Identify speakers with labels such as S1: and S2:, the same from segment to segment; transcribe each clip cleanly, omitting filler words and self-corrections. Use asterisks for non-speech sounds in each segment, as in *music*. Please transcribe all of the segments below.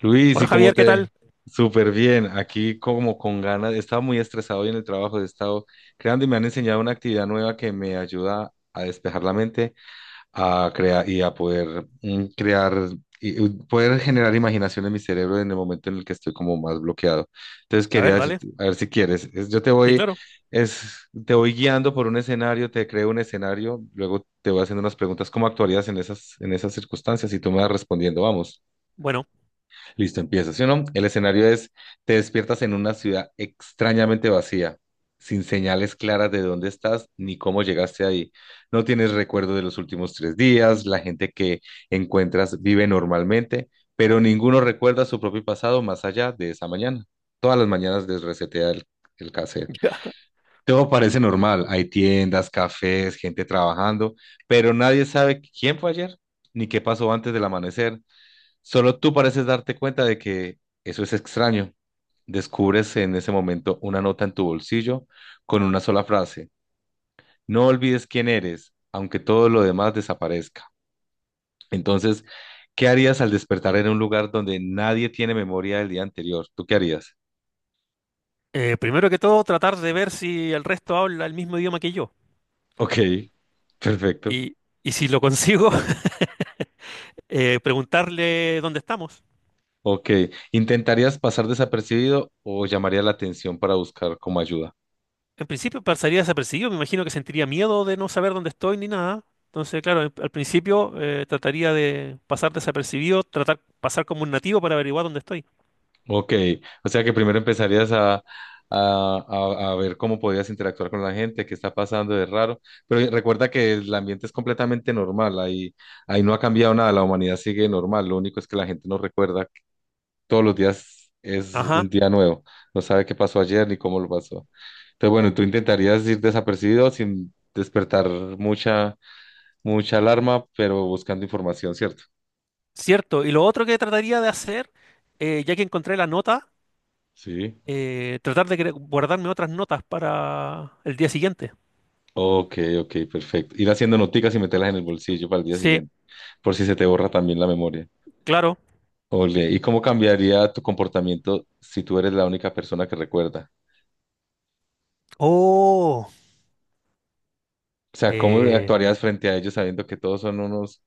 S1: Luis,
S2: Hola
S1: ¿y cómo
S2: Javier, ¿qué
S1: te?
S2: tal?
S1: Súper bien, aquí como con ganas, estaba muy estresado hoy en el trabajo, he estado creando y me han enseñado una actividad nueva que me ayuda a despejar la mente, a crear y a poder crear y poder generar imaginación en mi cerebro en el momento en el que estoy como más bloqueado. Entonces
S2: A
S1: quería
S2: ver, dale.
S1: decirte, a ver si quieres, yo te
S2: Sí,
S1: voy,
S2: claro.
S1: es, te voy guiando por un escenario, te creo un escenario, luego te voy haciendo unas preguntas, ¿cómo actuarías en en esas circunstancias? Y tú me vas respondiendo, vamos.
S2: Bueno,
S1: Listo, empieza. ¿Sí o no? El escenario es, te despiertas en una ciudad extrañamente vacía, sin señales claras de dónde estás ni cómo llegaste ahí. No tienes recuerdo de los últimos tres días, la gente que encuentras vive normalmente, pero ninguno recuerda su propio pasado más allá de esa mañana. Todas las mañanas desresetea el cassette.
S2: *laughs* ya.
S1: Todo parece normal, hay tiendas, cafés, gente trabajando, pero nadie sabe quién fue ayer ni qué pasó antes del amanecer. Solo tú pareces darte cuenta de que eso es extraño. Descubres en ese momento una nota en tu bolsillo con una sola frase. No olvides quién eres, aunque todo lo demás desaparezca. Entonces, ¿qué harías al despertar en un lugar donde nadie tiene memoria del día anterior? ¿Tú qué harías?
S2: Primero que todo, tratar de ver si el resto habla el mismo idioma que yo.
S1: Ok, perfecto.
S2: Y, y si lo consigo, *laughs* preguntarle dónde estamos.
S1: Ok, ¿intentarías pasar desapercibido o llamarías la atención para buscar como ayuda?
S2: En principio pasaría desapercibido, me imagino que sentiría miedo de no saber dónde estoy ni nada. Entonces, claro, al principio trataría de pasar desapercibido, tratar pasar como un nativo para averiguar dónde estoy.
S1: Ok, o sea que primero empezarías a ver cómo podías interactuar con la gente, qué está pasando de raro, pero recuerda que el ambiente es completamente normal, ahí no ha cambiado nada, la humanidad sigue normal, lo único es que la gente no recuerda, todos los días es un
S2: Ajá,
S1: día nuevo, no sabe qué pasó ayer ni cómo lo pasó. Entonces, bueno, tú intentarías ir desapercibido sin despertar mucha, mucha alarma, pero buscando información, ¿cierto?
S2: cierto. Y lo otro que trataría de hacer, ya que encontré la nota,
S1: Sí.
S2: tratar de guardarme otras notas para el día siguiente.
S1: Ok, ok, perfecto. Ir haciendo noticas y meterlas en el bolsillo para el día
S2: Sí,
S1: siguiente. Por si se te borra también la memoria.
S2: claro.
S1: Ole, ¿y cómo cambiaría tu comportamiento si tú eres la única persona que recuerda?
S2: Oh,
S1: O sea, ¿cómo
S2: eh,
S1: actuarías frente a ellos sabiendo que todos son unos,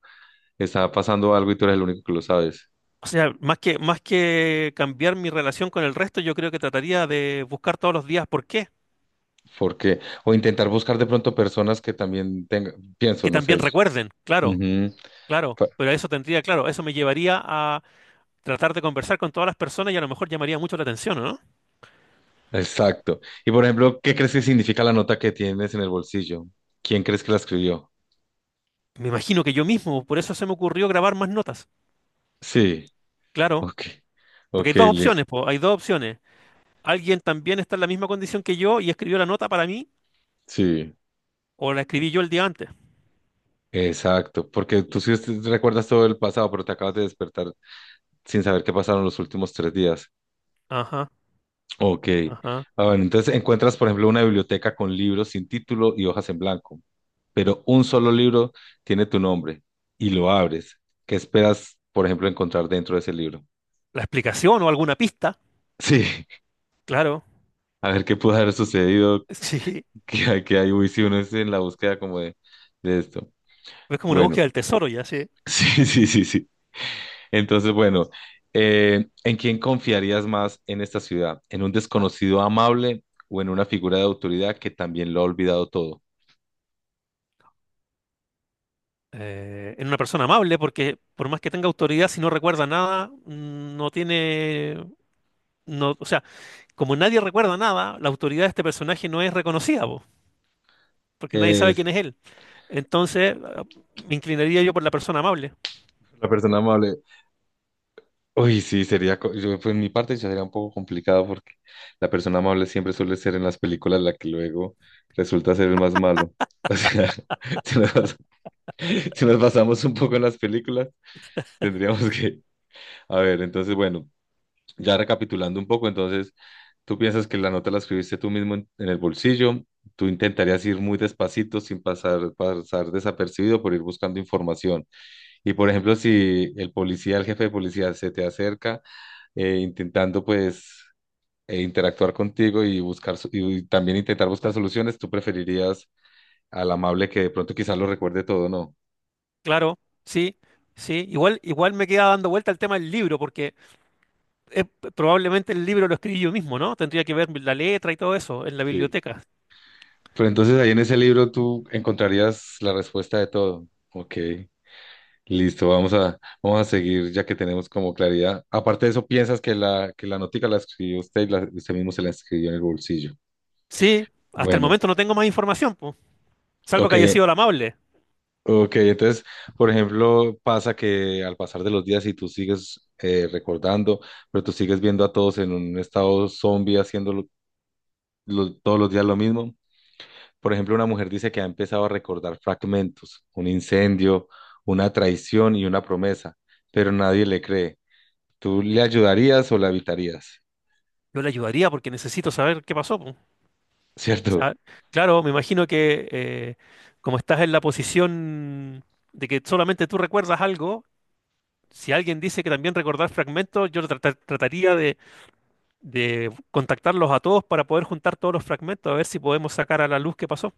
S1: está pasando algo y tú eres el único que lo sabes?
S2: o sea, más que cambiar mi relación con el resto, yo creo que trataría de buscar todos los días por qué.
S1: Porque, o intentar buscar de pronto personas que también tengan, pienso,
S2: Que
S1: no
S2: también
S1: sé.
S2: recuerden, claro,
S1: Ujú.
S2: claro.
S1: Fa-
S2: Pero eso tendría, claro, eso me llevaría a tratar de conversar con todas las personas y a lo mejor llamaría mucho la atención, ¿o no?
S1: Exacto. Y por ejemplo, ¿qué crees que significa la nota que tienes en el bolsillo? ¿Quién crees que la escribió?
S2: Me imagino que yo mismo, por eso se me ocurrió grabar más notas.
S1: Sí,
S2: Claro,
S1: ok,
S2: porque hay
S1: ok,
S2: dos
S1: Liz.
S2: opciones, po, hay dos opciones. Alguien también está en la misma condición que yo y escribió la nota para mí,
S1: Sí.
S2: o la escribí yo el día antes.
S1: Exacto, porque tú sí recuerdas todo el pasado, pero te acabas de despertar sin saber qué pasaron los últimos tres días.
S2: Ajá,
S1: Ok.
S2: ajá.
S1: Ah, bueno, entonces encuentras, por ejemplo, una biblioteca con libros sin título y hojas en blanco, pero un solo libro tiene tu nombre y lo abres. ¿Qué esperas, por ejemplo, encontrar dentro de ese libro?
S2: La explicación o alguna pista,
S1: Sí, *laughs*
S2: claro.
S1: a ver qué pudo haber sucedido,
S2: *laughs* Sí,
S1: *laughs* que, que hay, uy, si uno es en la búsqueda como de esto.
S2: es como una
S1: Bueno,
S2: búsqueda del tesoro ya, sí.
S1: *laughs* sí, sí, sí, sí. Entonces, bueno, ¿en quién confiarías más en esta ciudad? ¿En un desconocido amable o en una figura de autoridad que también lo ha olvidado todo?
S2: En una persona amable, porque por más que tenga autoridad, si no recuerda nada, mm, no tiene... No, o sea, como nadie recuerda nada, la autoridad de este personaje no es reconocida, po, porque nadie sabe
S1: Es
S2: quién es él. Entonces, ah, me inclinaría yo por la persona amable.
S1: la persona amable. Uy, sí, sería, yo, pues, en mi parte ya sería un poco complicado porque la persona amable siempre suele ser en las películas la que luego resulta ser el más malo. O sea, *laughs* si si nos basamos un poco en las películas, tendríamos que... A ver, entonces, bueno, ya recapitulando un poco, entonces... Tú piensas que la nota la escribiste tú mismo en el bolsillo, tú intentarías ir muy despacito sin pasar desapercibido por ir buscando información. Y por ejemplo, si el policía, el jefe de policía se te acerca intentando pues interactuar contigo y buscar y también intentar buscar soluciones, tú preferirías al amable que de pronto quizás lo recuerde todo, ¿no?
S2: Claro, sí, sí. Igual, igual me queda dando vuelta el tema del libro, porque eh, probablemente el libro lo escribí yo mismo, ¿no? Tendría que ver la letra y todo eso en la
S1: Sí.
S2: biblioteca.
S1: Pero entonces ahí en ese libro tú encontrarías la respuesta de todo. Ok. Listo, vamos a seguir ya que tenemos como claridad. Aparte de eso, piensas que que la notica la escribió usted y usted mismo se la escribió en el bolsillo.
S2: Sí, hasta el
S1: Bueno,
S2: momento no tengo más información, po, salvo
S1: ok,
S2: que haya sido la amable.
S1: ok. Entonces, por ejemplo, pasa que al pasar de los días y tú sigues recordando, pero tú sigues viendo a todos en un estado zombie haciendo todos los días lo mismo. Por ejemplo, una mujer dice que ha empezado a recordar fragmentos, un incendio, una traición y una promesa, pero nadie le cree. ¿Tú le ayudarías o la evitarías?
S2: Yo le ayudaría porque necesito saber qué pasó, po. O
S1: Cierto,
S2: sea, claro, me imagino que como estás en la posición de que solamente tú recuerdas algo, si alguien dice que también recordar fragmentos, yo trataría de contactarlos a todos para poder juntar todos los fragmentos, a ver si podemos sacar a la luz qué pasó.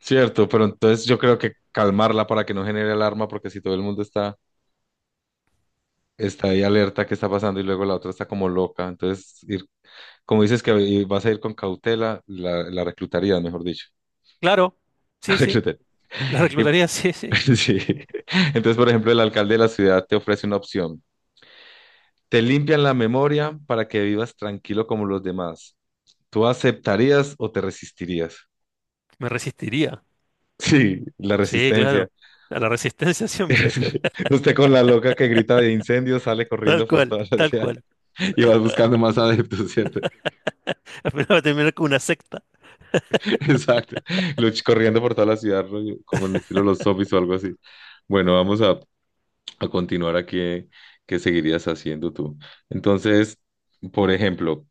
S1: cierto, pero entonces yo creo que calmarla para que no genere alarma, porque si todo el mundo está ahí alerta, ¿qué está pasando? Y luego la otra está como loca. Entonces, ir, como dices que vas a ir con cautela, la reclutaría, mejor dicho.
S2: Claro,
S1: *laughs* La
S2: sí, sí,
S1: reclutaría.
S2: la
S1: Y-
S2: reclutaría, *laughs* sí, sí.
S1: *laughs* sí. Entonces, por ejemplo, el alcalde de la ciudad te ofrece una opción. Te limpian la memoria para que vivas tranquilo como los demás. ¿Tú aceptarías o te resistirías? *laughs*
S2: Me resistiría.
S1: Sí, la
S2: Sí,
S1: resistencia.
S2: claro. A la resistencia siempre.
S1: *laughs* Usted con la loca que grita de incendio sale
S2: *laughs* Tal
S1: corriendo por
S2: cual,
S1: toda la
S2: tal
S1: ciudad
S2: cual.
S1: *laughs* y vas buscando más adeptos, ¿cierto?
S2: *laughs* Al final va a terminar con una secta.
S1: *laughs* Exacto. Corriendo por toda la ciudad, rollo, como en estilo los zombies o algo así. Bueno, a continuar aquí. ¿Qué seguirías haciendo tú? Entonces, por ejemplo,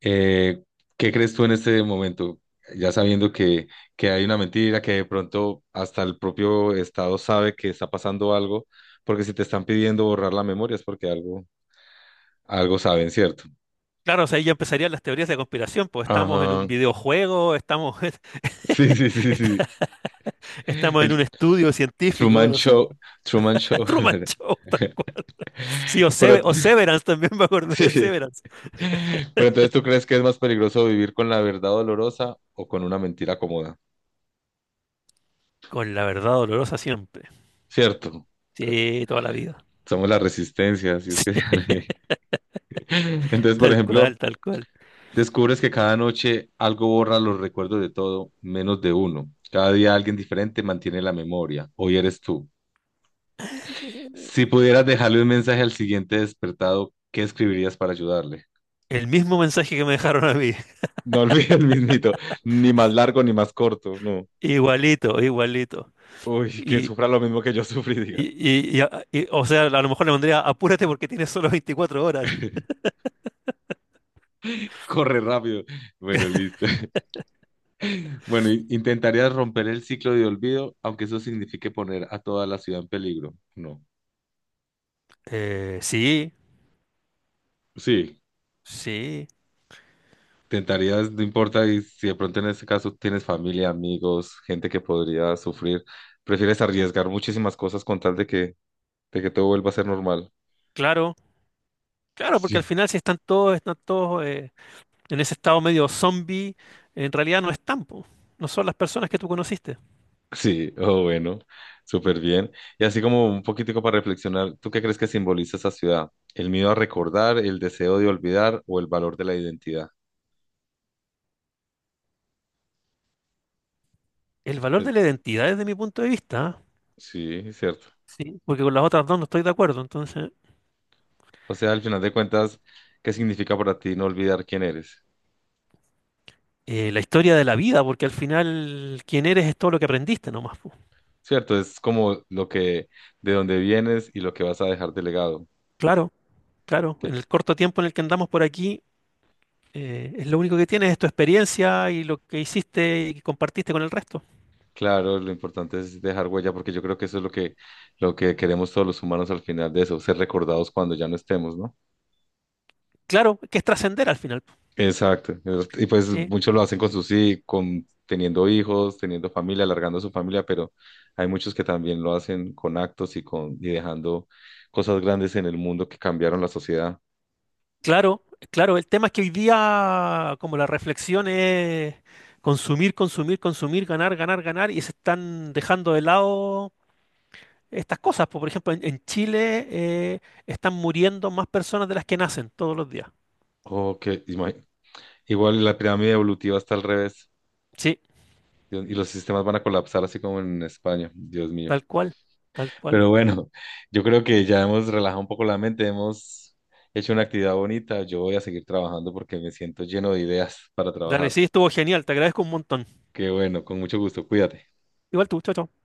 S1: eh, ¿qué crees tú en este momento? Ya sabiendo que hay una mentira, que de pronto hasta el propio Estado sabe que está pasando algo, porque si te están pidiendo borrar la memoria es porque algo Algo saben, ¿cierto?
S2: Claro, o sea, ahí ya empezarían las teorías de conspiración, pues estamos en un
S1: Ajá. *laughs*
S2: videojuego, estamos, *laughs*
S1: Sí, sí, sí, sí.
S2: estamos en un
S1: El
S2: estudio científico,
S1: Truman
S2: no sé.
S1: Show. Truman Show.
S2: *laughs* Truman Show, tal cual. Sí, o,
S1: *laughs* Pero,
S2: O
S1: *laughs*
S2: Severance, también *laughs* me acordé de
S1: sí.
S2: Severance.
S1: Pero entonces, ¿tú crees que es más peligroso vivir con la verdad dolorosa o con una mentira cómoda?
S2: Con la verdad dolorosa siempre.
S1: Cierto.
S2: Sí, toda la vida. *laughs*
S1: Somos la resistencia, así es
S2: Sí,
S1: que... *laughs* Entonces, por
S2: tal
S1: ejemplo,
S2: cual, tal cual.
S1: descubres que cada noche algo borra los recuerdos de todo, menos de uno. Cada día alguien diferente mantiene la memoria. Hoy eres tú. Si pudieras dejarle un mensaje al siguiente despertado, ¿qué escribirías para ayudarle?
S2: El mismo mensaje que me dejaron a mí. *laughs*
S1: No *laughs* olvides el mismito, ni más largo ni más corto, no.
S2: Igualito, igualito.
S1: Uy, que
S2: Y
S1: sufra lo mismo que yo sufrí, diga.
S2: O sea, a lo mejor le pondría apúrate porque tienes solo 24 horas.
S1: *laughs* Corre rápido. Bueno, listo. *laughs* Bueno, intentarías romper el ciclo de olvido, aunque eso signifique poner a toda la ciudad en peligro. No.
S2: Sí,
S1: Sí,
S2: sí,
S1: intentarías, no importa, y si de pronto en este caso tienes familia, amigos, gente que podría sufrir, prefieres arriesgar muchísimas cosas con tal de de que todo vuelva a ser normal.
S2: claro, claro, porque al
S1: *laughs* Sí.
S2: final si están todos, están todos en ese estado medio zombie, en realidad no están, po. No son las personas que tú conociste.
S1: Sí, oh, bueno, súper bien. Y así como un poquitico para reflexionar, ¿tú qué crees que simboliza esa ciudad? ¿El miedo a recordar, el deseo de olvidar o el valor de la identidad?
S2: El valor
S1: Eh,
S2: de la identidad desde mi punto de vista, ¿ah?
S1: Sí, cierto.
S2: Sí, porque con las otras dos no estoy de acuerdo, entonces.
S1: O sea, al final de cuentas, ¿qué significa para ti no olvidar quién eres?
S2: Eh, la historia de la vida, porque al final quién eres es todo lo que aprendiste nomás, po.
S1: Cierto, es como lo de dónde vienes y lo que vas a dejar de legado.
S2: Claro, claro,
S1: Que-
S2: en el corto tiempo en el que andamos por aquí. Es lo único que tienes, es tu experiencia y lo que hiciste y compartiste con el resto.
S1: Claro, lo importante es dejar huella, porque yo creo que eso es lo lo que queremos todos los humanos al final de eso, ser recordados cuando ya no estemos, ¿no?
S2: Claro, que es trascender al final, po,
S1: Exacto. Y pues
S2: ¿sí?
S1: muchos lo hacen con sus con teniendo hijos, teniendo familia, alargando su familia, pero hay muchos que también lo hacen con actos y con y dejando cosas grandes en el mundo que cambiaron la sociedad.
S2: Claro, claro, el tema es que hoy día como la reflexión es consumir, consumir, consumir, ganar, ganar, ganar y se están dejando de lado estas cosas, po. Por ejemplo, en Chile están muriendo más personas de las que nacen todos los días.
S1: O ima- igual la pirámide evolutiva está al revés.
S2: Sí,
S1: Dios- Y los sistemas van a colapsar así como en España, Dios mío.
S2: tal cual, tal cual.
S1: Pero bueno, *laughs* yo creo que ya hemos relajado un poco la mente, hemos hecho una actividad bonita. Yo voy a seguir trabajando porque me siento lleno de ideas para
S2: Dale,
S1: trabajar.
S2: sí, estuvo genial, te agradezco un montón.
S1: Qué bueno, con mucho gusto, cuídate.
S2: Igual tú, chao, chao.